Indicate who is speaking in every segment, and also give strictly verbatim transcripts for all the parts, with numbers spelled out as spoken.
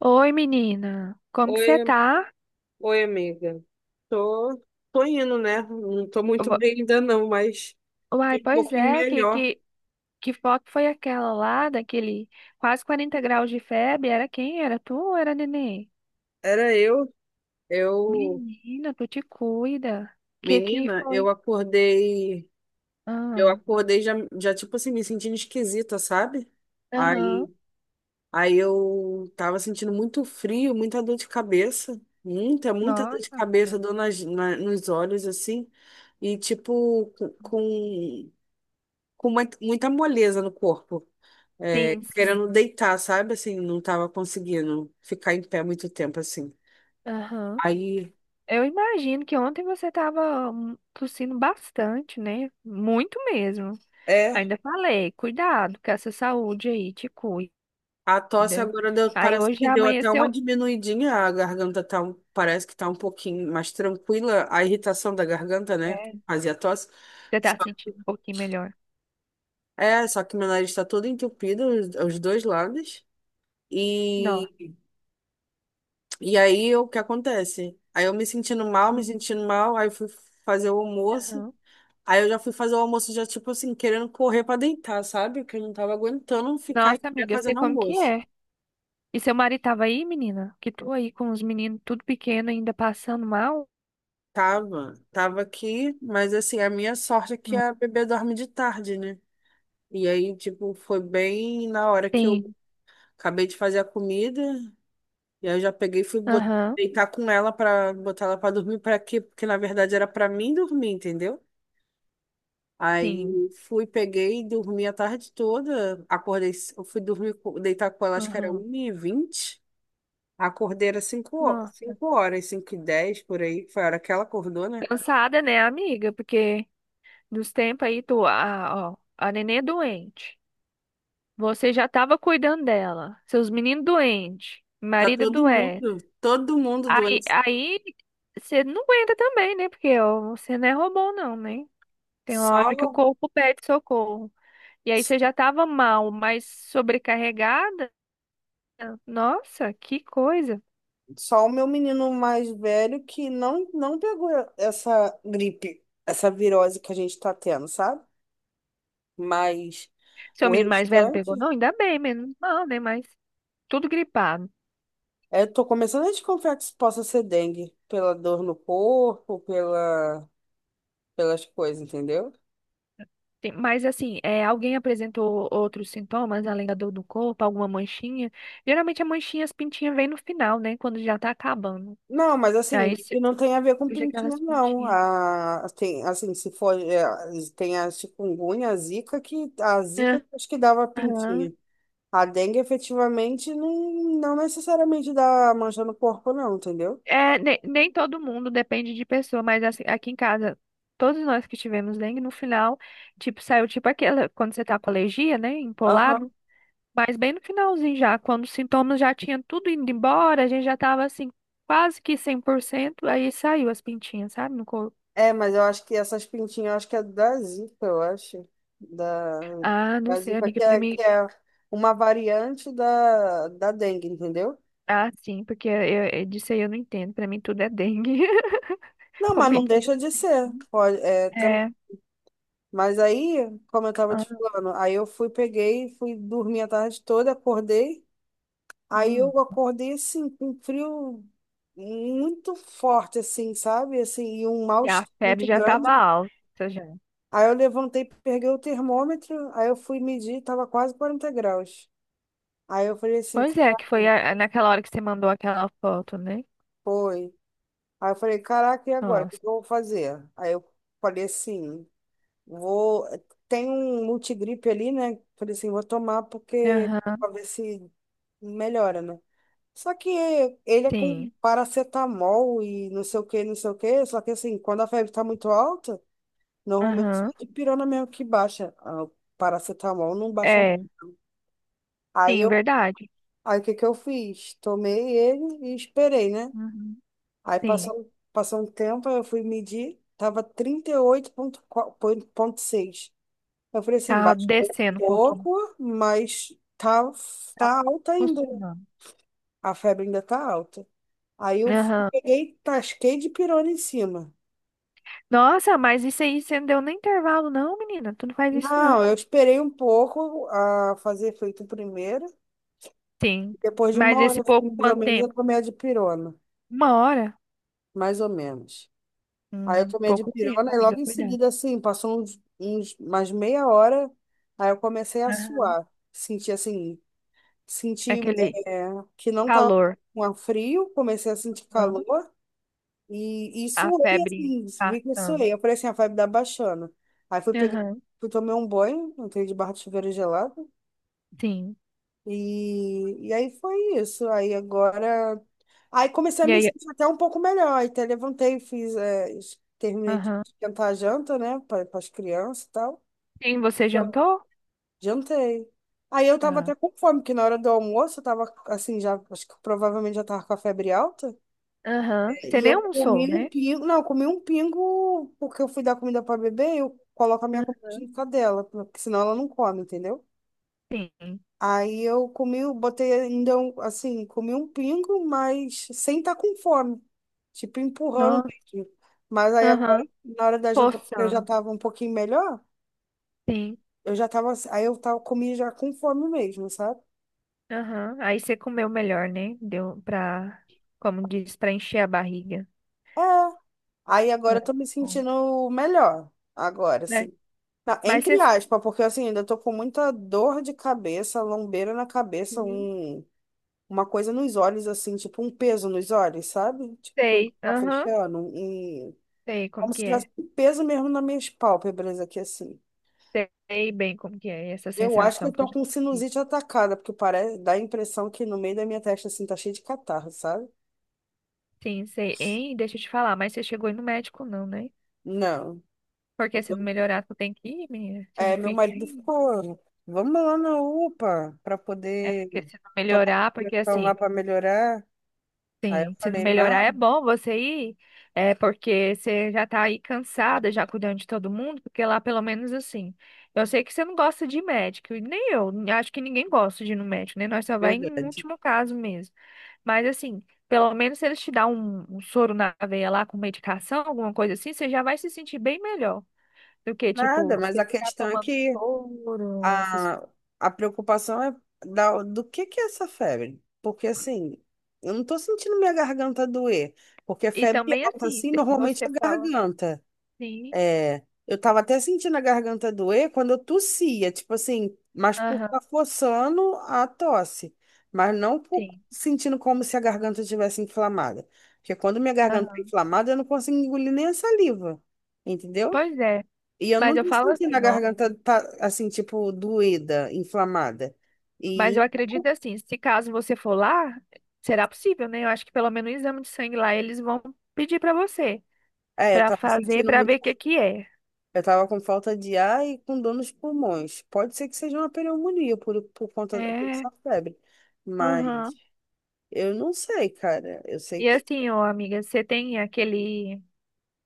Speaker 1: Oi, menina. Como que você
Speaker 2: Oi,
Speaker 1: tá?
Speaker 2: oi, amiga. Tô, tô indo, né? Não tô muito
Speaker 1: Ua-
Speaker 2: bem ainda não, mas
Speaker 1: Uai,
Speaker 2: fiquei um
Speaker 1: pois
Speaker 2: pouquinho
Speaker 1: é, que,
Speaker 2: melhor.
Speaker 1: que, que foto foi aquela lá, daquele quase quarenta graus de febre? Era quem? Era tu ou era neném?
Speaker 2: Era eu, eu,
Speaker 1: Menina, tu te cuida. Que que
Speaker 2: menina,
Speaker 1: foi?
Speaker 2: eu acordei, eu
Speaker 1: Ah,
Speaker 2: acordei já, já tipo assim, me sentindo esquisita, sabe?
Speaker 1: aham.
Speaker 2: Aí, aí eu tava sentindo muito frio, muita dor de cabeça, muita, muita dor
Speaker 1: Nossa,
Speaker 2: de
Speaker 1: amiga.
Speaker 2: cabeça, dor nas, na- nos olhos, assim, e tipo, com, com com uma- muita moleza no corpo. É,
Speaker 1: Sim,
Speaker 2: querendo
Speaker 1: sim.
Speaker 2: deitar, sabe? Assim, não tava conseguindo ficar em pé muito tempo, assim.
Speaker 1: Aham.
Speaker 2: Aí,
Speaker 1: Eu imagino que ontem você tava hum, tossindo bastante, né? Muito mesmo.
Speaker 2: é,
Speaker 1: Ainda falei, cuidado com essa saúde aí, te cuida.
Speaker 2: a tosse agora deu-
Speaker 1: Aí
Speaker 2: parece
Speaker 1: hoje
Speaker 2: que
Speaker 1: já
Speaker 2: deu até uma
Speaker 1: amanheceu,
Speaker 2: diminuidinha, a garganta tá, um- parece que tá um pouquinho mais tranquila, a irritação da garganta, né?
Speaker 1: é,
Speaker 2: Fazia tosse.
Speaker 1: você tá
Speaker 2: Só-
Speaker 1: sentindo um pouquinho melhor.
Speaker 2: é, só que meu nariz está todo entupido, os, os dois lados.
Speaker 1: Nossa.
Speaker 2: E, e aí, o que acontece? Aí eu me sentindo mal, me
Speaker 1: Hum,
Speaker 2: sentindo mal, aí fui fazer o almoço.
Speaker 1: aham.
Speaker 2: Aí eu já fui fazer o almoço, já, tipo assim, querendo correr pra deitar, sabe? Porque eu não tava aguentando ficar em
Speaker 1: Nossa,
Speaker 2: pé
Speaker 1: amiga, eu sei
Speaker 2: fazendo
Speaker 1: como que
Speaker 2: almoço.
Speaker 1: é. E seu marido tava aí, menina? Que tu aí com os meninos tudo pequeno ainda passando mal?
Speaker 2: Tava, tava aqui, mas assim, a minha sorte é que a bebê dorme de tarde, né? E aí, tipo, foi bem na hora que eu
Speaker 1: Sim,
Speaker 2: acabei de fazer a comida, e aí eu já peguei e fui bot-
Speaker 1: aham,
Speaker 2: deitar com ela pra botar ela pra dormir, pra quê? Porque na verdade era pra mim dormir, entendeu?
Speaker 1: sim,
Speaker 2: Aí fui, peguei e dormi a tarde toda, acordei, c- eu fui dormir, co- deitar com ela, acho que era
Speaker 1: aham.
Speaker 2: uma e vinte. Acordei era cinco horas,
Speaker 1: Nossa.
Speaker 2: cinco horas, cinco e dez por aí, foi a hora que ela acordou, né?
Speaker 1: Cansada, né, amiga? Porque nos tempos aí, tu, a, ó, a nenê doente. Você já tava cuidando dela. Seus meninos doentes.
Speaker 2: Tá
Speaker 1: Marido
Speaker 2: todo
Speaker 1: doente.
Speaker 2: mundo, todo mundo
Speaker 1: Aí,
Speaker 2: doente.
Speaker 1: aí você não aguenta também, né? Porque ó, você não é robô, não, né? Tem uma hora que o
Speaker 2: Só,
Speaker 1: corpo pede socorro. E aí você já estava mal, mas sobrecarregada? Nossa, que coisa.
Speaker 2: só o meu menino mais velho que não, não pegou essa gripe, essa virose que a gente tá tendo, sabe? Mas
Speaker 1: Seu
Speaker 2: o
Speaker 1: menino mais velho não pegou,
Speaker 2: restante,
Speaker 1: não? Ainda bem, menos mal, né? Mas tudo gripado.
Speaker 2: é, eu tô começando a desconfiar que isso possa ser dengue, pela dor no corpo, pela, pelas coisas, entendeu?
Speaker 1: Tem- Mas assim, é, alguém apresentou outros sintomas além da dor do corpo, alguma manchinha? Geralmente a manchinha, as pintinhas vêm no final, né? Quando já tá acabando.
Speaker 2: Não, mas assim,
Speaker 1: Aí
Speaker 2: que
Speaker 1: se-
Speaker 2: não tem a ver com
Speaker 1: surge
Speaker 2: pintinha,
Speaker 1: aquelas
Speaker 2: não.
Speaker 1: pintinhas.
Speaker 2: A, tem, assim, se for, é, tem a chikungunya, a zika, que a zika acho que dava
Speaker 1: Aham.
Speaker 2: pintinha. A dengue efetivamente não, não necessariamente dá mancha no corpo, não, entendeu?
Speaker 1: É, nem, nem todo mundo depende de pessoa, mas assim, aqui em casa, todos nós que tivemos dengue, no final, tipo, saiu tipo aquela, quando você tá com alergia, né,
Speaker 2: Aham.
Speaker 1: empolado, mas bem no finalzinho já, quando os sintomas já tinham tudo indo embora, a gente já tava assim, quase que cem por cento aí saiu as pintinhas, sabe, no corpo.
Speaker 2: É, mas eu acho que essas pintinhas, eu acho que é da zika, eu acho. Da,
Speaker 1: Ah, não
Speaker 2: da
Speaker 1: sei,
Speaker 2: zika, que
Speaker 1: amiga, pra
Speaker 2: é,
Speaker 1: mim,
Speaker 2: que é uma variante da, da dengue, entendeu?
Speaker 1: ah, sim, porque eu, eu, disso aí eu não entendo, pra mim tudo é dengue,
Speaker 2: Não,
Speaker 1: com
Speaker 2: mas não
Speaker 1: pintinha.
Speaker 2: deixa de ser. Pode, é, tam-
Speaker 1: É,
Speaker 2: Mas aí, como eu tava te
Speaker 1: ah,
Speaker 2: falando, aí eu fui, peguei, fui dormir a tarde toda, acordei. Aí
Speaker 1: hum,
Speaker 2: eu acordei assim, com um frio muito forte, assim, sabe? Assim, e um
Speaker 1: e a
Speaker 2: mal-estar
Speaker 1: febre
Speaker 2: muito
Speaker 1: já tava
Speaker 2: grande.
Speaker 1: alta, já.
Speaker 2: Aí eu levantei, peguei o termômetro, aí eu fui medir, tava quase quarenta graus. Aí eu falei assim,
Speaker 1: Pois é, que foi
Speaker 2: caraca,
Speaker 1: a- naquela hora que você mandou aquela foto, né?
Speaker 2: foi. Aí eu falei, caraca, e agora? O que
Speaker 1: Nossa.
Speaker 2: que eu vou fazer? Aí eu falei assim. Vou, tem um multigripe ali, né? Falei assim, vou tomar porque
Speaker 1: Aham,
Speaker 2: pra ver se melhora, né? Só que ele é com
Speaker 1: sim.
Speaker 2: paracetamol e não sei o que, não sei o que. Só que assim, quando a febre tá muito alta, normalmente
Speaker 1: Aham.
Speaker 2: é dipirona mesmo que baixa. Ah, o paracetamol não baixa.
Speaker 1: É,
Speaker 2: Aí
Speaker 1: sim,
Speaker 2: eu,
Speaker 1: verdade.
Speaker 2: aí o que que eu fiz? Tomei ele e esperei, né?
Speaker 1: Uhum.
Speaker 2: Aí
Speaker 1: Sim.
Speaker 2: passou, passou um tempo, aí eu fui medir, tava trinta e oito vírgula seis. Eu falei assim,
Speaker 1: Tava
Speaker 2: baixou um
Speaker 1: descendo um pouquinho.
Speaker 2: pouco, mas tá,
Speaker 1: Tá
Speaker 2: tá alta ainda, né?
Speaker 1: funcionando.
Speaker 2: A febre ainda tá alta. Aí eu
Speaker 1: Aham.
Speaker 2: peguei, tasquei de pirona em cima.
Speaker 1: Nossa, mas isso aí você não deu nem intervalo, não, menina. Tu não faz isso, não.
Speaker 2: Não, eu esperei um pouco a fazer efeito primeiro.
Speaker 1: Sim.
Speaker 2: Depois de
Speaker 1: Mas
Speaker 2: uma
Speaker 1: esse
Speaker 2: hora, assim,
Speaker 1: pouco,
Speaker 2: mais ou
Speaker 1: quanto
Speaker 2: menos, eu
Speaker 1: tempo?
Speaker 2: tomei a dipirona.
Speaker 1: Uma hora?
Speaker 2: Mais ou menos. Aí eu
Speaker 1: Hum,
Speaker 2: tomei a
Speaker 1: pouco
Speaker 2: dipirona
Speaker 1: tempo,
Speaker 2: e
Speaker 1: amiga,
Speaker 2: logo em
Speaker 1: cuidado.
Speaker 2: seguida, assim, passou uns, uns mais meia hora, aí eu comecei a
Speaker 1: Aham.
Speaker 2: suar. Senti, assim, Senti,
Speaker 1: Aquele
Speaker 2: é, que não tava
Speaker 1: calor.
Speaker 2: com a frio, comecei a sentir
Speaker 1: Aham.
Speaker 2: calor e, e
Speaker 1: A
Speaker 2: suei,
Speaker 1: febre
Speaker 2: assim, vi que eu
Speaker 1: passando.
Speaker 2: suei. Eu falei assim, a vibe da baixando. Aí fui peguei,
Speaker 1: Aham.
Speaker 2: fui tomei um banho, entrei de barra de chuveiro gelado
Speaker 1: Sim.
Speaker 2: e, e aí foi isso. Aí agora, aí comecei a
Speaker 1: E
Speaker 2: me
Speaker 1: aí,
Speaker 2: sentir até um pouco melhor. Aí até levantei, fiz, é, es- terminei de
Speaker 1: aham.
Speaker 2: esquentar a janta, né, para as crianças e tal.
Speaker 1: Sim, você jantou?
Speaker 2: Jantei. Aí eu tava
Speaker 1: Ah.
Speaker 2: até com fome, porque na hora do almoço eu tava assim, já, acho que provavelmente já tava com a febre alta.
Speaker 1: Aham. Você
Speaker 2: E
Speaker 1: nem
Speaker 2: eu
Speaker 1: almoçou,
Speaker 2: comi um
Speaker 1: né?
Speaker 2: pingo, não, eu comi um pingo, porque eu fui dar comida pra bebê, eu coloco a minha
Speaker 1: Hum,
Speaker 2: comida junto dela, porque senão ela não come, entendeu?
Speaker 1: sim.
Speaker 2: Aí eu comi, eu botei ainda um, assim, comi um pingo, mas sem estar com fome, tipo empurrando
Speaker 1: Nossa.
Speaker 2: mesmo. Mas aí agora,
Speaker 1: Aham.
Speaker 2: na hora da janta, eu já
Speaker 1: Forçando.
Speaker 2: tava um pouquinho melhor,
Speaker 1: Sim.
Speaker 2: eu já tava, aí eu tava, comi já com fome mesmo, sabe?
Speaker 1: Aham. Aí você comeu melhor, né? Deu pra, como diz, pra encher a barriga.
Speaker 2: É. Aí agora
Speaker 1: Ah,
Speaker 2: eu tô me
Speaker 1: que bom.
Speaker 2: sentindo melhor. Agora,
Speaker 1: Né?
Speaker 2: assim. Na-
Speaker 1: Mas você.
Speaker 2: entre aspas, porque assim, ainda tô com muita dor de cabeça, lombeira na cabeça,
Speaker 1: Hum,
Speaker 2: um, uma coisa nos olhos, assim, tipo um peso nos olhos, sabe? Tipo, que o
Speaker 1: Sei.
Speaker 2: tá
Speaker 1: Aham.
Speaker 2: fechando. Um- um,
Speaker 1: Sei como
Speaker 2: como
Speaker 1: que
Speaker 2: se tivesse
Speaker 1: é.
Speaker 2: um peso mesmo nas minhas pálpebras aqui, assim.
Speaker 1: Sei bem como que é essa
Speaker 2: Eu acho que
Speaker 1: sensação
Speaker 2: eu
Speaker 1: que eu
Speaker 2: tô
Speaker 1: já
Speaker 2: com
Speaker 1: tive.
Speaker 2: sinusite atacada, porque parece, dá a impressão que no meio da minha testa, assim, tá cheio de catarro, sabe?
Speaker 1: Sim, sei. Hein? Deixa eu te falar, mas você chegou aí no médico não, né?
Speaker 2: Não.
Speaker 1: Porque se não melhorar, tu tem que ir, menina. Você não
Speaker 2: É, meu
Speaker 1: fica
Speaker 2: marido
Speaker 1: aí.
Speaker 2: ficou, vamos lá na UPA para
Speaker 1: É,
Speaker 2: poder
Speaker 1: porque se não
Speaker 2: tomar uma
Speaker 1: melhorar, porque
Speaker 2: injeção lá
Speaker 1: assim.
Speaker 2: para melhorar. Aí eu
Speaker 1: Sim, se não
Speaker 2: falei,
Speaker 1: melhorar é
Speaker 2: não,
Speaker 1: bom você ir, é porque você já tá aí cansada, já cuidando de todo mundo, porque lá pelo menos assim. Eu sei que você não gosta de médico, e nem eu, acho que ninguém gosta de ir no médico, né? Nós só vai em
Speaker 2: verdade.
Speaker 1: último caso mesmo. Mas assim, pelo menos se eles te dão um, um soro na veia lá com medicação, alguma coisa assim, você já vai se sentir bem melhor do que, tipo,
Speaker 2: Nada, mas
Speaker 1: você
Speaker 2: a
Speaker 1: ficar
Speaker 2: questão é
Speaker 1: tomando
Speaker 2: que
Speaker 1: soro, essas coisas.
Speaker 2: a, a preocupação é da, do que que é essa febre? Porque assim, eu não tô sentindo minha garganta doer, porque
Speaker 1: E
Speaker 2: febre
Speaker 1: também
Speaker 2: alta
Speaker 1: assim,
Speaker 2: assim normalmente
Speaker 1: você
Speaker 2: é
Speaker 1: fala
Speaker 2: garganta.
Speaker 1: sim,
Speaker 2: É, eu tava até sentindo a garganta doer quando eu tossia, tipo assim, mas por
Speaker 1: aham,
Speaker 2: estar forçando a tosse, mas não por
Speaker 1: sim,
Speaker 2: sentindo como se a garganta estivesse inflamada. Porque quando minha garganta tá
Speaker 1: aham.
Speaker 2: inflamada, eu não consigo engolir nem a saliva, entendeu?
Speaker 1: Pois é.
Speaker 2: E eu
Speaker 1: Mas eu
Speaker 2: nunca
Speaker 1: falo
Speaker 2: senti na
Speaker 1: assim, ó.
Speaker 2: garganta tá, assim, tipo, doída, inflamada.
Speaker 1: Mas eu
Speaker 2: E
Speaker 1: acredito assim, se caso você for lá, será possível, né? Eu acho que pelo menos o exame de sangue lá eles vão pedir pra você,
Speaker 2: é, eu
Speaker 1: pra
Speaker 2: tava
Speaker 1: fazer,
Speaker 2: sentindo
Speaker 1: pra
Speaker 2: muito.
Speaker 1: ver o que que é.
Speaker 2: Eu tava com falta de ar e com dor nos pulmões. Pode ser que seja uma pneumonia por, por, conta da por
Speaker 1: É.
Speaker 2: essa febre, mas.
Speaker 1: Aham.
Speaker 2: Eu não sei, cara. Eu sei
Speaker 1: E
Speaker 2: que
Speaker 1: assim, ó, amiga, você tem aquele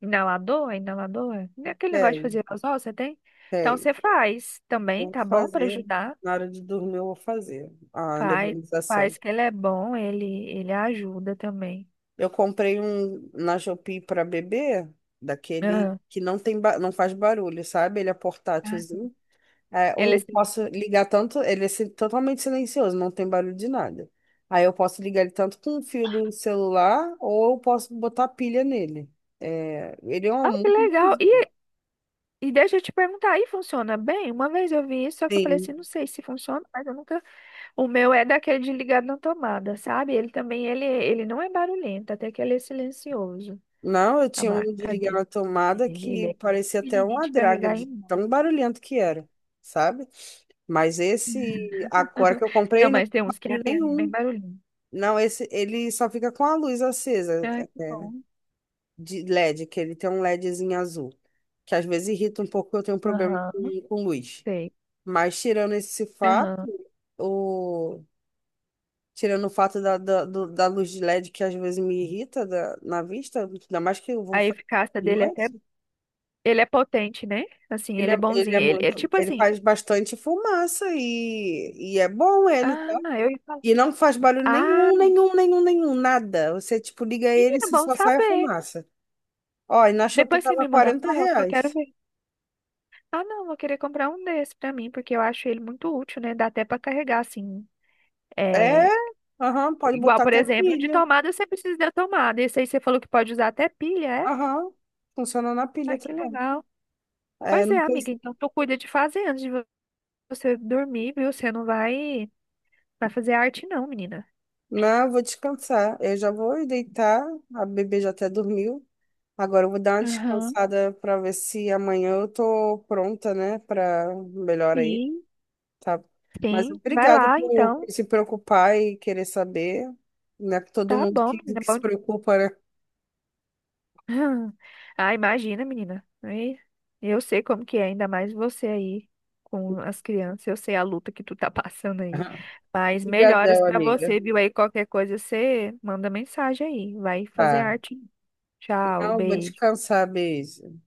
Speaker 1: inalador, é inalador, né, aquele negócio de fazer
Speaker 2: tem,
Speaker 1: aerosol, você tem? Então
Speaker 2: tem.
Speaker 1: você faz
Speaker 2: Eu
Speaker 1: também,
Speaker 2: vou
Speaker 1: tá bom? Pra
Speaker 2: fazer.
Speaker 1: ajudar.
Speaker 2: Na hora de dormir, eu vou fazer a
Speaker 1: Faz,
Speaker 2: nebulização.
Speaker 1: faz que ele é bom, ele ele ajuda também.
Speaker 2: Eu comprei um na Shopee para bebê, daquele
Speaker 1: Aham.
Speaker 2: que não tem, ba- não faz barulho, sabe? Ele é
Speaker 1: Ah,
Speaker 2: portátilzinho. É,
Speaker 1: ele
Speaker 2: eu
Speaker 1: assim,
Speaker 2: posso ligar tanto, ele é si- totalmente silencioso, não tem barulho de nada. Aí eu posso ligar ele tanto com o fio do celular, ou eu posso botar pilha nele. É, ele é um
Speaker 1: ah, que
Speaker 2: muito
Speaker 1: legal. E E deixa eu te perguntar, aí funciona bem? Uma vez eu vi isso, só que eu falei
Speaker 2: bonzinho.
Speaker 1: assim, não sei se funciona, mas eu nunca. O meu é daquele de ligado na tomada, sabe? Ele também, ele, ele não é barulhento, até que ele é silencioso,
Speaker 2: Não, eu
Speaker 1: a
Speaker 2: tinha um de
Speaker 1: marca
Speaker 2: ligar
Speaker 1: dele.
Speaker 2: na tomada
Speaker 1: Ele
Speaker 2: que
Speaker 1: é
Speaker 2: parecia até
Speaker 1: pequenininho
Speaker 2: uma
Speaker 1: de
Speaker 2: draga,
Speaker 1: carregar em
Speaker 2: de
Speaker 1: mão.
Speaker 2: tão barulhento que era, sabe? Mas esse agora que eu
Speaker 1: Não,
Speaker 2: comprei, não
Speaker 1: mas
Speaker 2: tem
Speaker 1: tem uns que é
Speaker 2: barulho
Speaker 1: bem, bem
Speaker 2: nenhum.
Speaker 1: barulhento.
Speaker 2: Não, esse ele só fica com a luz acesa,
Speaker 1: Ah, que
Speaker 2: é,
Speaker 1: bom.
Speaker 2: de LED, que ele tem um LEDzinho azul, que às vezes irrita um pouco, eu tenho um problema
Speaker 1: Aham,
Speaker 2: com, com luz.
Speaker 1: sei.
Speaker 2: Mas tirando esse fato,
Speaker 1: Aham.
Speaker 2: o tirando o fato da, da, do- da luz de LED que às vezes me irrita da- na vista, ainda mais que eu vou
Speaker 1: A
Speaker 2: fazer
Speaker 1: eficácia
Speaker 2: de
Speaker 1: dele é até,
Speaker 2: noite.
Speaker 1: ele é potente, né? Assim,
Speaker 2: Ele
Speaker 1: ele
Speaker 2: é,
Speaker 1: é
Speaker 2: ele é
Speaker 1: bonzinho. Ele, ele
Speaker 2: muito,
Speaker 1: tipo
Speaker 2: ele
Speaker 1: assim,
Speaker 2: faz bastante fumaça e, e é bom ele,
Speaker 1: ah,
Speaker 2: tá?
Speaker 1: eu ia falar,
Speaker 2: E não faz barulho
Speaker 1: ah,
Speaker 2: nenhum, nenhum, nenhum, nenhum, nada. Você, tipo, liga ele e
Speaker 1: menina, bom
Speaker 2: só sai a
Speaker 1: saber.
Speaker 2: fumaça. Ó, e na Shopee
Speaker 1: Depois você
Speaker 2: tava
Speaker 1: me manda
Speaker 2: quarenta
Speaker 1: foto, que eu quero
Speaker 2: reais.
Speaker 1: ver. Ah, não, vou querer comprar um desse pra mim, porque eu acho ele muito útil, né? Dá até pra carregar, assim.
Speaker 2: É,
Speaker 1: É.
Speaker 2: aham, pode
Speaker 1: Igual,
Speaker 2: botar
Speaker 1: por
Speaker 2: até
Speaker 1: exemplo, de
Speaker 2: pilha.
Speaker 1: tomada você precisa da tomada. Esse aí você falou que pode usar até pilha, é?
Speaker 2: Aham, funciona na pilha
Speaker 1: Ai, que
Speaker 2: também.
Speaker 1: legal.
Speaker 2: É,
Speaker 1: Pois é,
Speaker 2: não tem...
Speaker 1: amiga, então tu cuida de fazer antes de vo- você dormir, viu? Você não vai, vai, fazer arte, não, menina.
Speaker 2: Não, eu vou descansar. Eu já vou ir deitar, a bebê já até dormiu. Agora eu vou dar uma
Speaker 1: Aham.
Speaker 2: descansada para ver se amanhã eu tô pronta, né, para melhor aí.
Speaker 1: Sim.
Speaker 2: Tá. Mas
Speaker 1: Sim, vai
Speaker 2: obrigada
Speaker 1: lá,
Speaker 2: por
Speaker 1: então.
Speaker 2: se preocupar e querer saber. Não é todo
Speaker 1: Tá
Speaker 2: mundo
Speaker 1: bom,
Speaker 2: que,
Speaker 1: menina.
Speaker 2: que
Speaker 1: Bom
Speaker 2: se preocupa, né?
Speaker 1: ah, imagina, menina. Aí, eu sei como que é, ainda mais você aí com as crianças. Eu sei a luta que tu tá passando aí. Mas melhoras
Speaker 2: Obrigadão,
Speaker 1: pra
Speaker 2: amiga.
Speaker 1: você, viu? Aí qualquer coisa você manda mensagem aí. Vai fazer
Speaker 2: Tá.
Speaker 1: arte. Tchau,
Speaker 2: Não, vou
Speaker 1: beijo.
Speaker 2: descansar. Beijo.